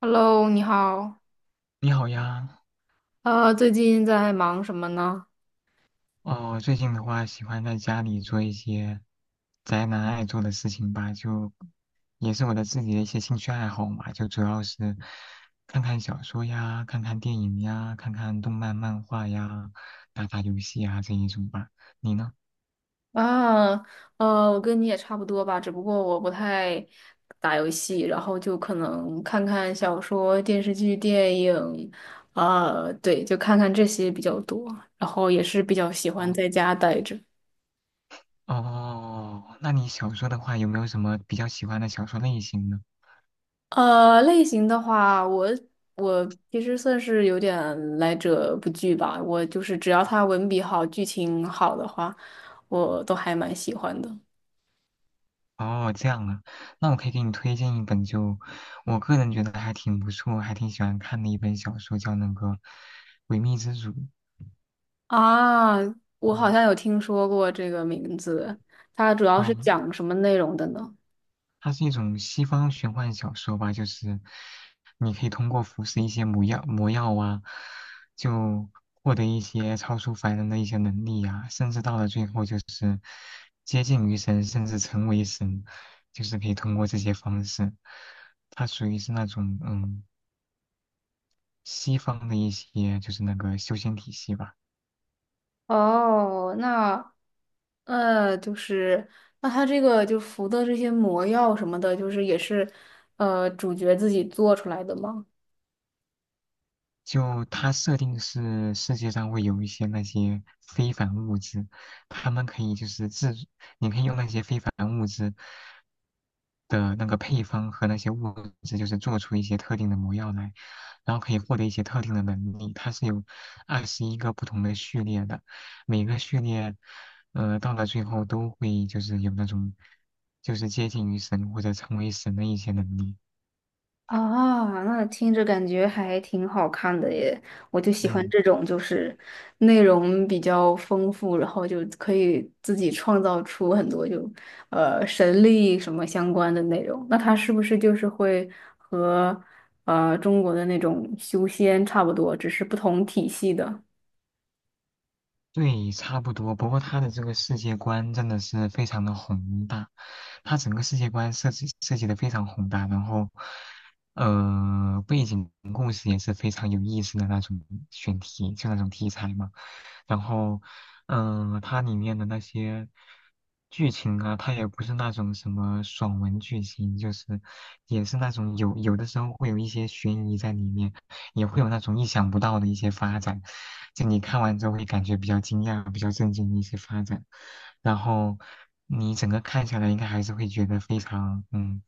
Hello，你好。你好呀。最近在忙什么呢？哦，最近的话喜欢在家里做一些宅男爱做的事情吧，就也是我的自己的一些兴趣爱好嘛，就主要是看看小说呀，看看电影呀，看看动漫漫画呀，打打游戏呀这一种吧。你呢？啊，我跟你也差不多吧，只不过我不太打游戏，然后就可能看看小说、电视剧、电影，啊，对，就看看这些比较多，然后也是比较喜哦。欢在家待着。哦，那你小说的话有没有什么比较喜欢的小说类型呢？类型的话，我其实算是有点来者不拒吧，我就是只要他文笔好、剧情好的话，我都还蛮喜欢的。哦，这样啊，那我可以给你推荐一本，就我个人觉得还挺不错、还挺喜欢看的一本小说，叫那个《诡秘之主》。啊，我好嗯。像有听说过这个名字，它主要是哦，讲什么内容的呢？它是一种西方玄幻小说吧，就是你可以通过服食一些魔药、魔药啊，就获得一些超出凡人的一些能力啊，甚至到了最后就是接近于神，甚至成为神，就是可以通过这些方式。它属于是那种。嗯。西方的一些就是那个修仙体系吧。哦，那就是那它这个就服的这些魔药什么的，就是也是主角自己做出来的吗？就它设定是世界上会有一些那些非凡物质，他们可以就是制，你可以用那些非凡物质的那个配方和那些物质，就是做出一些特定的魔药来，然后可以获得一些特定的能力。它是有21个不同的序列的，每个序列，到了最后都会就是有那种，就是接近于神或者成为神的一些能力。啊，那听着感觉还挺好看的耶！我就喜欢嗯。这种，就是内容比较丰富，然后就可以自己创造出很多就神力什么相关的内容。那它是不是就是会和中国的那种修仙差不多，只是不同体系的？对，差不多。不过他的这个世界观真的是非常的宏大，他整个世界观设计的非常宏大，然后，背景故事也是非常有意思的那种选题，就那种题材嘛。然后，它里面的那些剧情啊，它也不是那种什么爽文剧情，就是也是那种有的时候会有一些悬疑在里面，也会有那种意想不到的一些发展，就你看完之后会感觉比较惊讶、比较震惊的一些发展，然后你整个看下来应该还是会觉得非常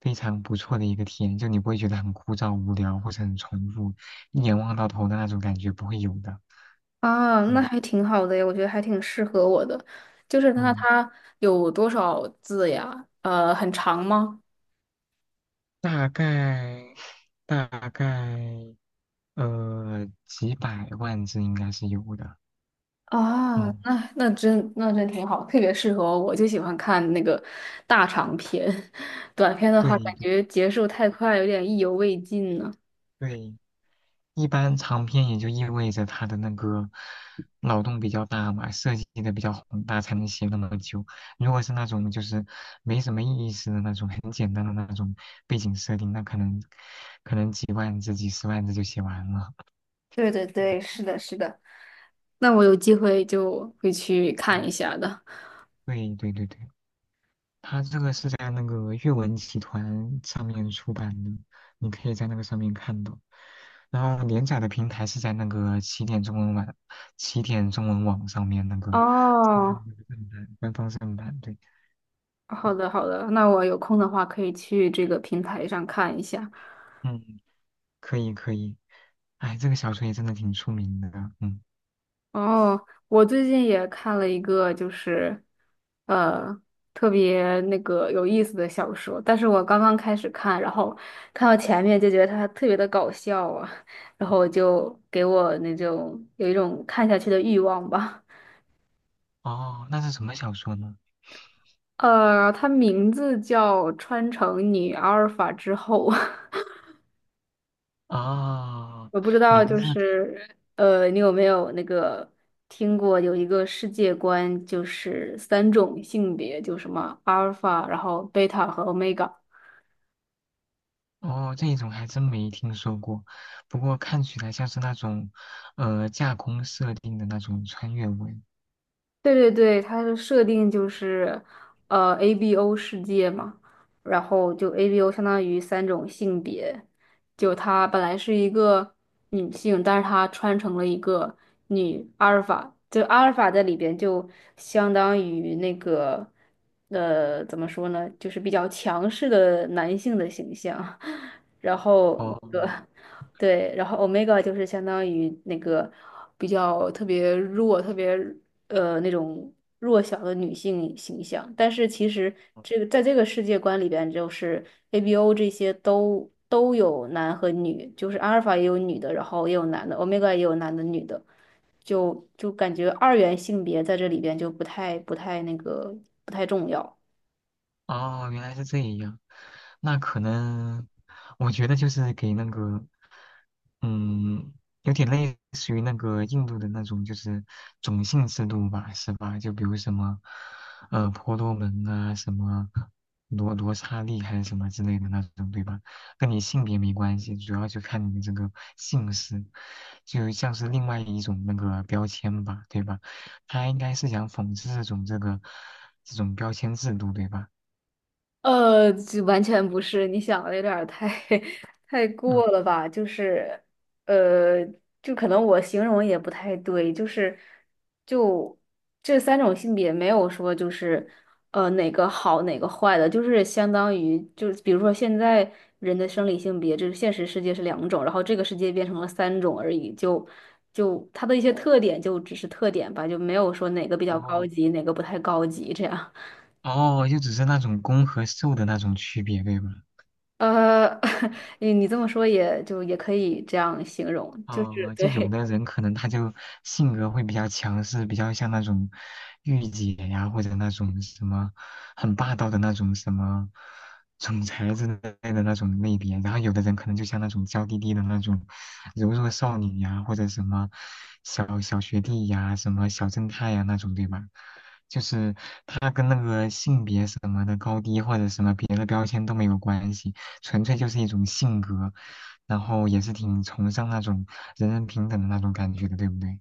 非常不错的一个体验，就你不会觉得很枯燥、无聊或者很重复，一眼望到头的那种感觉不会有的。啊，那嗯。还挺好的耶，我觉得还挺适合我的。就是那嗯，它有多少字呀？很长吗？大概大概几百万字应该是有的。啊，嗯，那真挺好，特别适合我就喜欢看那个大长篇，短篇的对话感对觉结束太快，有点意犹未尽呢。对。一般长篇也就意味着他的那个脑洞比较大嘛，设计的比较宏大，才能写那么久。如果是那种就是没什么意思的那种，很简单的那种背景设定，那可能几万字、几十万字就写完了。对对对，是的，是的，那我有机会就会去看一嗯，下的。对对对对。它这个是在那个阅文集团上面出版的，你可以在那个上面看到。然后连载的平台是在那个起点中文网上面那个正哦，官方正版，对。好的好的，那我有空的话可以去这个平台上看一下。嗯，可以可以。哎，这个小说也真的挺出名的。嗯。哦，我最近也看了一个，就是呃特别那个有意思的小说，但是我刚刚开始看，然后看到前面就觉得它特别的搞笑啊，然嗯，后就给我那种有一种看下去的欲望吧。哦，那是什么小说呢？它名字叫《穿成女阿尔法之后》哦，我不知道，名就字是你有没有那个听过有一个世界观，就是三种性别，就什么阿尔法，然后贝塔和欧米伽。哦，这一种还真没听说过，不过看起来像是那种，架空设定的那种穿越文。对对对，它的设定就是，ABO 世界嘛，然后就 ABO 相当于三种性别，就她本来是一个女性，但是她穿成了一个女阿尔法，就阿尔法在里边就相当于那个，怎么说呢，就是比较强势的男性的形象，然后哦。那个。对，然后 omega 就是相当于那个比较特别弱、特别那种弱小的女性形象，但是其实这个在这个世界观里边，就是 ABO 这些都有男和女，就是阿尔法也有女的，然后也有男的，omega 也有男的女的，就感觉二元性别在这里边就不太重要。哦，原来是这样，那可能，我觉得就是给那个，嗯，有点类似于那个印度的那种，就是种姓制度吧，是吧？就比如什么，婆罗门啊，什么罗刹利还是什么之类的那种，对吧？跟你性别没关系，主要就看你的这个姓氏，就像是另外一种那个标签吧，对吧？他应该是想讽刺这种这个这种标签制度，对吧？就完全不是，你想的有点儿太 太嗯。过了吧？就是，呃，就可能我形容也不太对，就是，就这三种性别没有说就是，哪个好哪个坏的，就是相当于就是比如说现在人的生理性别，就是现实世界是两种，然后这个世界变成了三种而已，就它的一些特点就只是特点吧，就没有说哪个比较高哦级，哪个不太高级这样。哦，就只是那种公和受的那种区别，对吧？呃，你这么说也就也可以这样形容，就是哦，就有对 的人可能他就性格会比较强势，比较像那种御姐呀，或者那种什么很霸道的那种什么总裁之类的那种类别。然后有的人可能就像那种娇滴滴的那种柔弱少女呀，或者什么小学弟呀，什么小正太呀那种，对吧？就是他跟那个性别什么的高低或者什么别的标签都没有关系，纯粹就是一种性格。然后也是挺崇尚那种人人平等的那种感觉的，对不对？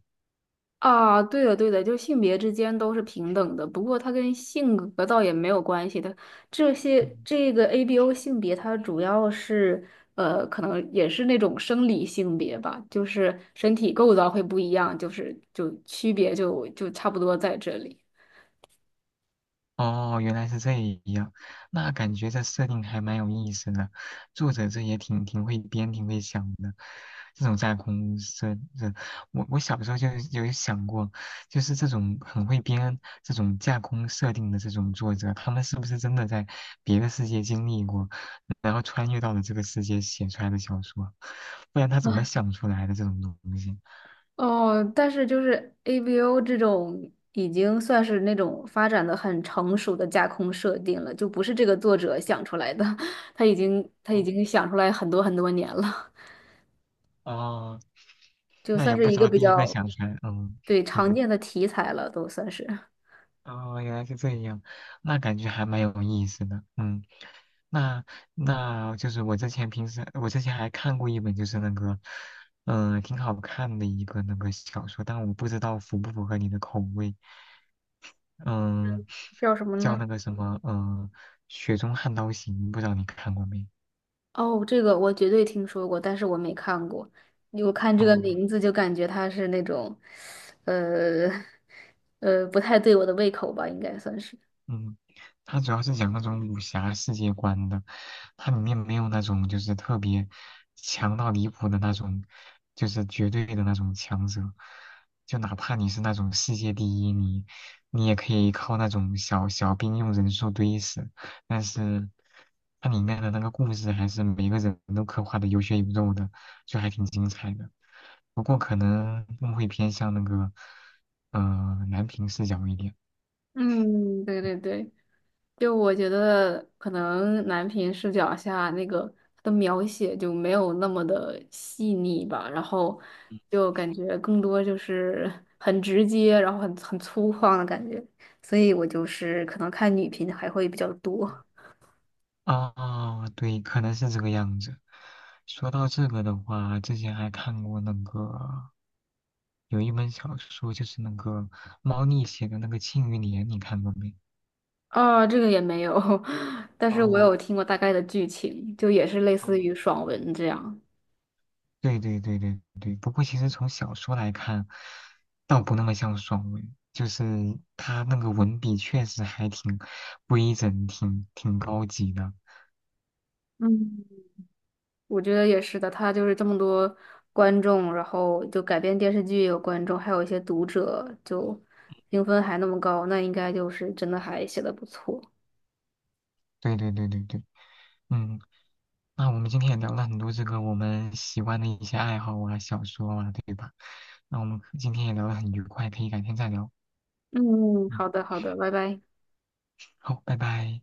啊，对的对的，就性别之间都是平等的，不过它跟性格倒也没有关系的。这些嗯。这个 ABO 性别，它主要是可能也是那种生理性别吧，就是身体构造会不一样，就是就区别就差不多在这里。哦，原来是这样，那感觉这设定还蛮有意思的，作者这也挺会编、挺会想的。这种架空设，这我小时候就有想过，就是这种很会编这种架空设定的这种作者，他们是不是真的在别的世界经历过，然后穿越到了这个世界写出来的小说？不然他怎么想出来的这种东西？哦，但是就是 AVO 这种已经算是那种发展的很成熟的架空设定了，就不是这个作者想出来的，他已经他已哦。经想出来很多很多年了，哦，就那算也不是知一个道比第一个较想出来，嗯，对常对。见的题材了，都算是哦，原来是这样，那感觉还蛮有意思的，嗯，那就是我之前还看过一本就是那个，挺好看的一个那个小说，但我不知道符不符合你的口味。嗯，叫什么叫呢？那个什么，雪中悍刀行》，不知道你看过没？哦，这个我绝对听说过，但是我没看过。我看这个哦。名字就感觉它是那种，呃 不太对我的胃口吧，应该算是。嗯，它主要是讲那种武侠世界观的，它里面没有那种就是特别强到离谱的那种，就是绝对的那种强者，就哪怕你是那种世界第一，你也可以靠那种小兵用人数堆死，但是它里面的那个故事还是每个人都刻画的有血有肉的，就还挺精彩的。不过可能更会偏向那个，呃，男频视角一点。嗯，对对对。就我觉得可能男频视角下那个它的描写就没有那么的细腻吧，然后就感觉更多就是 很直接，然后很粗犷的感觉，所以我就是可能看女频还会比较多。啊，对，可能是这个样子。说到这个的话，之前还看过那个有一本小说，就是那个猫腻写的那个《庆余年》，你看过没？啊，这个也没有，但是我哦。有听过大概的剧情，就也是类似嗯，于爽文这样。对对对对对。不过其实从小说来看，倒不那么像爽文，就是他那个文笔确实还挺规整、挺高级的。嗯。我觉得也是的，他就是这么多观众，然后就改编电视剧也有观众，还有一些读者，就评分还那么高，那应该就是真的还写的不错。对对对对对。嗯，那我们今天也聊了很多这个我们喜欢的一些爱好啊、小说啊，对吧？那我们可今天也聊得很愉快，可以改天再聊。嗯，嗯，好的，好的，拜拜。好，拜拜。